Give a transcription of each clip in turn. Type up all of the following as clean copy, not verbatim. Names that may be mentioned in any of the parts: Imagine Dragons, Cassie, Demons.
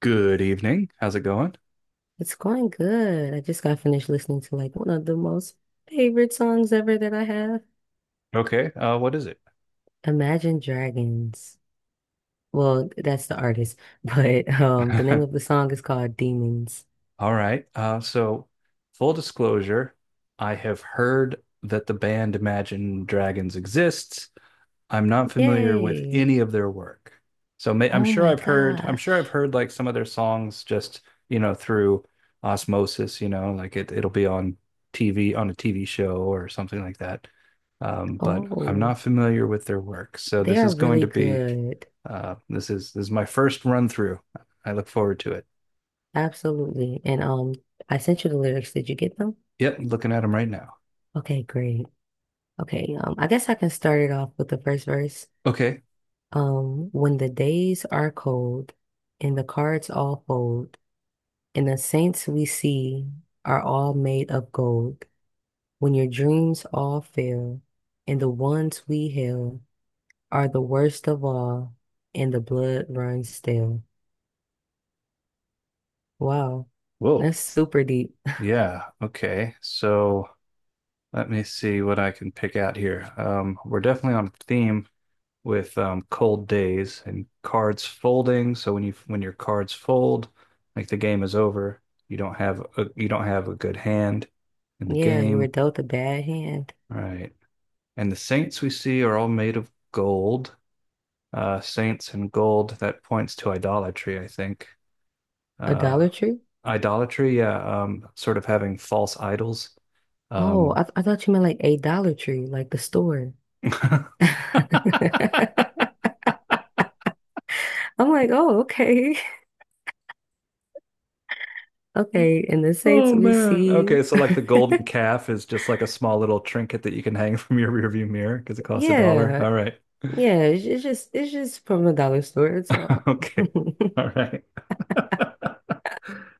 Good evening. How's it going? It's going good. I just got finished listening to like one of the most favorite songs ever that I have. Okay, what is it? Imagine Dragons. Well, that's the artist, but the name of the song is called Demons. All right. Full disclosure, I have heard that the band Imagine Dragons exists. I'm not familiar with Yay. any of their work. So may I'm Oh sure my I've heard, I'm sure I've gosh. heard like some of their songs just, through osmosis, like it'll be on TV, on a TV show or something like that. But I'm Oh, not familiar with their work. So they this are is going really to be. good. This is my first run through. I look forward to it. Absolutely. And I sent you the lyrics. Did you get them? Yep, looking at them right now. Okay, great. Okay, I guess I can start it off with the first verse. Okay. When the days are cold and the cards all fold, and the saints we see are all made of gold. When your dreams all fail, and the ones we hail are the worst of all, and the blood runs stale. Wow, Whoa. that's super deep. Yeah. Okay. So let me see what I can pick out here. We're definitely on theme with cold days and cards folding. So when your cards fold, like the game is over. You don't have a, you don't have a good hand in the Yeah, you were game. dealt a bad hand. All right. And the saints we see are all made of gold. Saints and gold, that points to idolatry, I think. uh, Idolatry? idolatry, yeah, sort of having false idols. Oh, Um, I thought you meant like a Dollar Tree, like the store. I'm like, oh, okay. Okay, and the saints oh we man. see. Okay, so like the golden calf is just like a small little trinket that you can hang from your rearview mirror because it costs a dollar. Yeah, All right. yeah, it's just from the dollar store. It's all Okay. All right.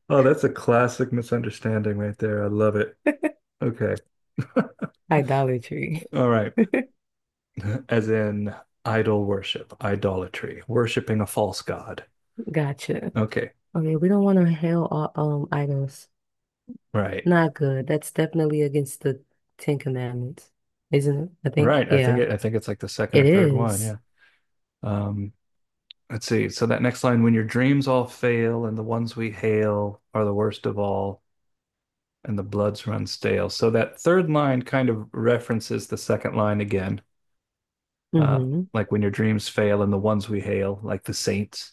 Oh, that's a classic misunderstanding right there. I love it. Okay. idolatry. All right. As in idol worship, idolatry, worshiping a false god. Gotcha. Okay. Okay, we don't want to hail all items. Right. Not good. That's definitely against the Ten Commandments, isn't it? I think. Right. Yeah, I think it's like the second it or third one. is. Yeah. Um, let's see. So that next line, when your dreams all fail and the ones we hail are the worst of all and the bloods run stale. So that third line kind of references the second line again. Uh, Mm-hmm. like when your dreams fail and the ones we hail, like the saints.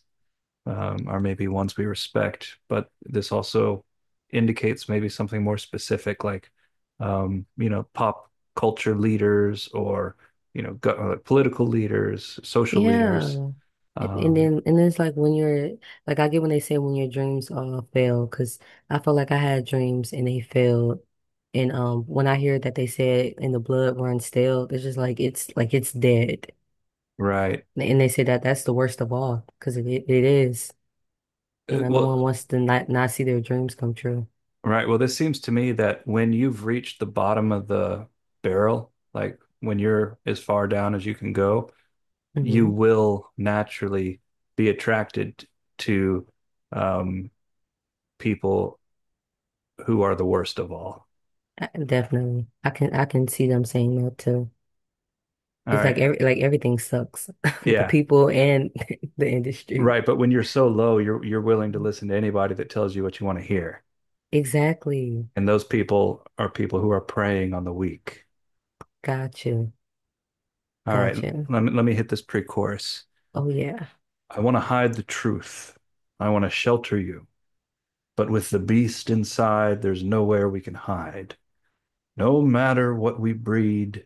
Are maybe ones we respect, but this also indicates maybe something more specific, like you know, pop culture leaders or political leaders, social leaders. Yeah. And Um, then, and it's like when you're like, I get when they say when your dreams all fail, because I felt like I had dreams and they failed. And when I hear that they said and the blood runs stale, it's just like it's dead. right. And they say that that's the worst of all because it is. Uh, No one Well, wants to not not see their dreams come true. right. Well, this seems to me that when you've reached the bottom of the barrel, like when you're as far down as you can go, you Hmm. will naturally be attracted to um, people who are the worst of all. Definitely, I can see them saying that too. All It's like right. every like everything sucks, the Yeah. people and the industry. Right. But when you're so low, you're willing to listen to anybody that tells you what you want to hear. Exactly. And those people are people who are preying on the weak. Gotcha. All right. Gotcha. Let me hit this pre-chorus. Oh yeah, I want to hide the truth. I want to shelter you. But with the beast inside, there's nowhere we can hide. No matter what we breed,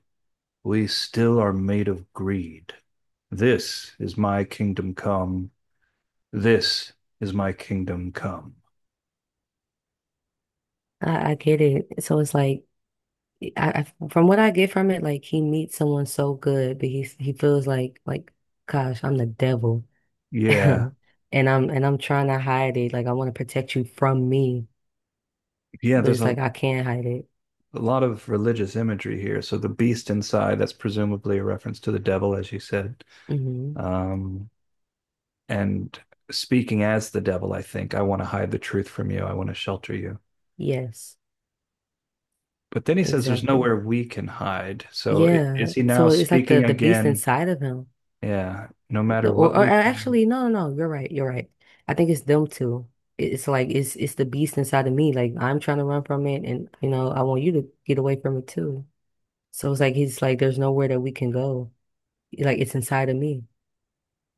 we still are made of greed. This is my kingdom come. This is my kingdom come. I get it. So it's like, I from what I get from it, like he meets someone so good, but he feels like, gosh, I'm the devil, Yeah, and I'm trying to hide it. Like I want to protect you from me, Yeah, but there's it's a, like I can't hide it. a lot of religious imagery here. So the beast inside, that's presumably a reference to the devil, as you said. Hmm. Um, and speaking as the devil, I think, I want to hide the truth from you. I want to shelter you. Yes, But then he says there's exactly. nowhere we can hide. So is Yeah. he now So it's like the speaking the beast again? inside of him. Yeah, no No, matter or, what or we. actually, no, no, no, you're right, you're right. I think it's them two. It's like it's the beast inside of me. Like I'm trying to run from it, and you know I want you to get away from it too. So it's like there's nowhere that we can go. Like it's inside of me.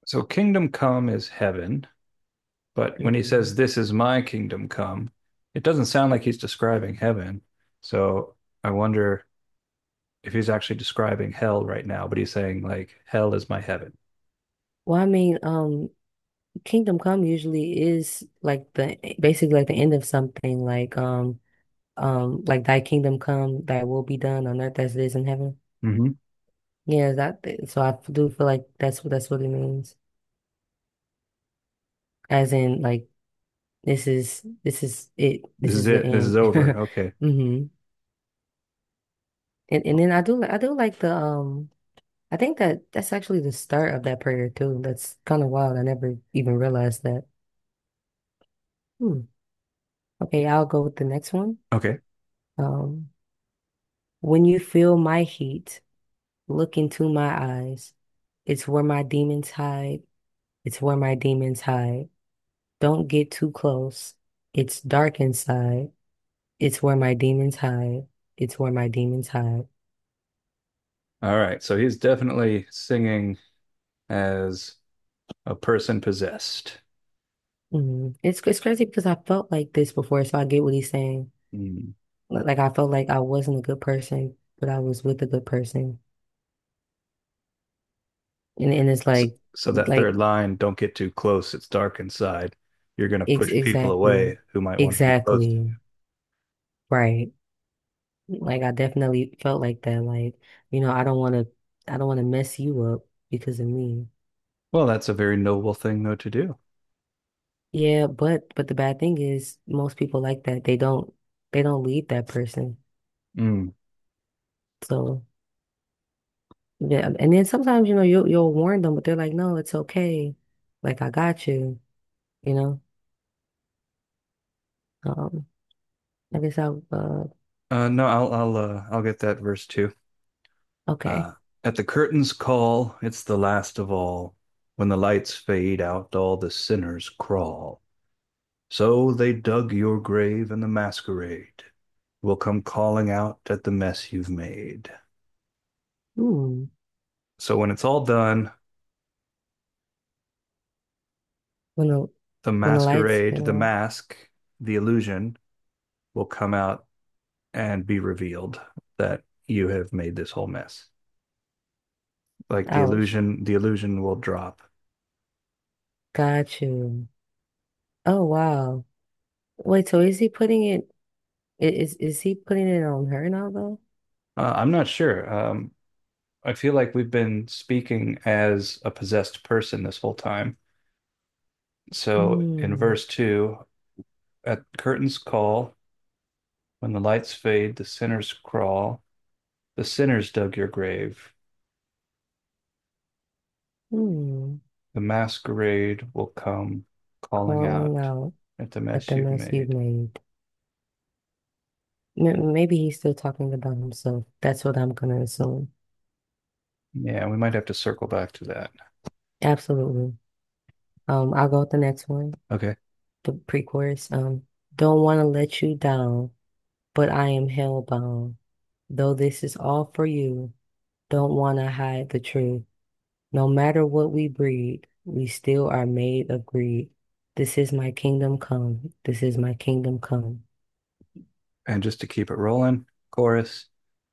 So kingdom come is heaven. But when he Mhm. says, this is my kingdom come, it doesn't sound like he's describing heaven. So I wonder if he's actually describing hell right now, but he's saying like hell is my heaven. Well, I mean, Kingdom Come usually is like the basically like the end of something. Like Thy kingdom come, Thy will be done on earth as it is in heaven. Mm-hmm. Yeah, that. So I do feel like that's what it means. As in, like. This is it. This This is is the it. This is over. end. Okay. Hmm. And then I do like the I think that that's actually the start of that prayer too. That's kind of wild. I never even realized that. Hmm. Okay, I'll go with the next one. Okay. Um, when you feel my heat, look into my eyes. It's where my demons hide. It's where my demons hide. Don't get too close. It's dark inside. It's where my demons hide. It's where my demons hide. All right. So he's definitely singing as a person possessed. Mhm. It's crazy because I felt like this before, so I get what he's saying. Mm. Like I felt like I wasn't a good person, but I was with a good person, and it's So like so that like third line, don't get too close, it's dark inside. You're going to ex push people exactly, away who might want to be close to you. exactly right. Like I definitely felt like that. Like you know, I don't want to mess you up because of me. Well, that's a very noble thing though to do. Yeah, but the bad thing is most people like that. They don't leave that person. Mm. So. Yeah, and then sometimes, you know, you you'll warn them, but they're like, "No, it's okay. Like I got you." You know. Um, I guess I. uh No, I'll get that verse too. okay. Uh, at the curtain's call, it's the last of all. When the lights fade out, all the sinners crawl. So they dug your grave and the masquerade will come calling out at the mess you've made. Hmm. So when it's all done, When the the when the lights masquerade, went the out. mask, the illusion will come out and be revealed that you have made this whole mess. Like Ouch. The illusion will drop. Got you. Oh wow. Wait, so is he putting it? Is he putting it on her now though? I'm not sure. I feel like we've been speaking as a possessed person this whole time. So in Hmm. verse two, at curtains call, when the lights fade, the sinners crawl, the sinners dug your grave. Hmm. The masquerade will come calling Calling out out at the at mess the you've mess you've made. made. M maybe he's still talking about himself. That's what I'm gonna assume. Yeah, we might have to circle back to that. Absolutely. I'll go with the next one. Okay. The pre-chorus. Don't want to let you down, but I am hellbound. Though this is all for you, don't want to hide the truth. No matter what we breed, we still are made of greed. This is my kingdom come. This is my kingdom come. And just to keep it rolling, chorus.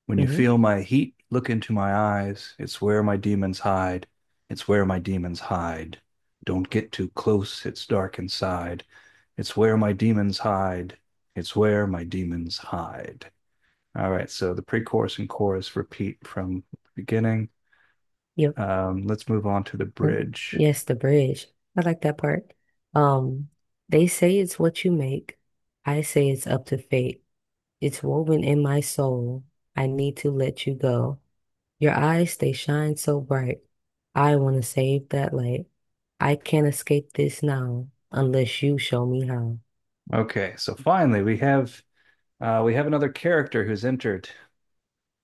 When you Hmm. feel my heat, look into my eyes. It's where my demons hide. It's where my demons hide. Don't get too close, it's dark inside. It's where my demons hide. It's where my demons hide. All right, so the pre chorus and chorus repeat from the beginning. Yep. Let's move on to the And bridge. yes, the bridge. I like that part. Um, they say it's what you make. I say it's up to fate. It's woven in my soul. I need to let you go. Your eyes, they shine so bright. I want to save that light. I can't escape this now unless you show me how. Okay, so finally we have another character who's entered.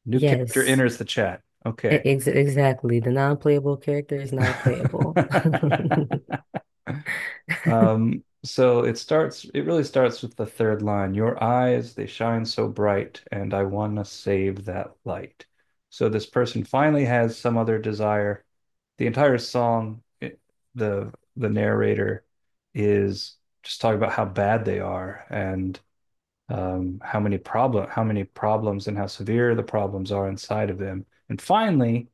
New character Yes, enters the chat. e- Okay, ex exactly. The non-playable character is now playable. It really starts with the third line. Your eyes, they shine so bright, and I want to save that light. So this person finally has some other desire. The entire song, it, The narrator is just talking about how bad they are and how many problems and how severe the problems are inside of them. And finally,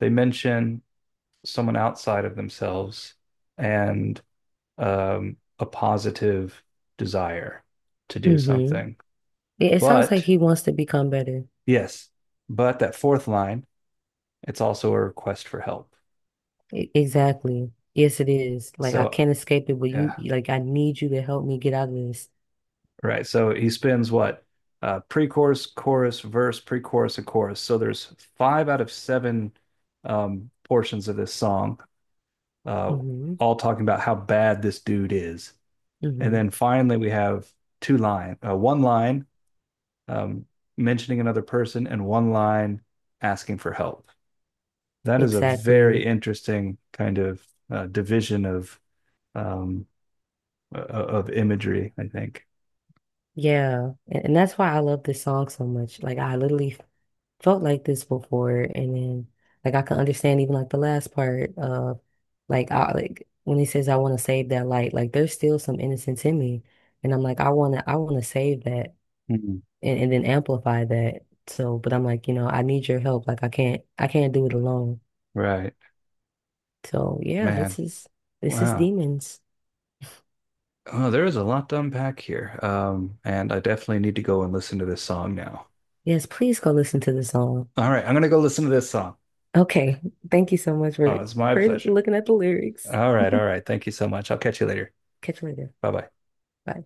they mention someone outside of themselves and a positive desire to do Hmm. something. It sounds like But he wants to become better. yes, but that fourth line, it's also a request for help. Exactly. Yes, it is. Like I So, can't escape it, but you, yeah, like I need you to help me get out of this. right. So he spins what? Pre-chorus, chorus, verse, pre-chorus, and chorus. So there's five out of seven portions of this song, uh, Hmm. all talking about how bad this dude is. And Hmm. then finally, we have one line um, mentioning another person, and one line asking for help. That is a very Exactly. interesting kind of division um, of imagery, I think. Yeah. And that's why I love this song so much. Like I literally felt like this before, and then like I can understand even like the last part of like I like when he says I want to save that light, like there's still some innocence in me, and I'm like I want to save that, Mhm. and then amplify that, so but I'm like you know I need your help, like I can't do it alone. Right. So yeah, Man. this is Wow. Demons. Oh, there is a lot to unpack here. And I definitely need to go and listen to this song now. Yes, please go listen to the song. All right, I'm gonna go listen to this song. Okay, thank you so much for Oh, it's my pleasure. looking at the lyrics. All right, all right. Thank you so much. I'll catch you later. Catch you later. Bye bye. Bye.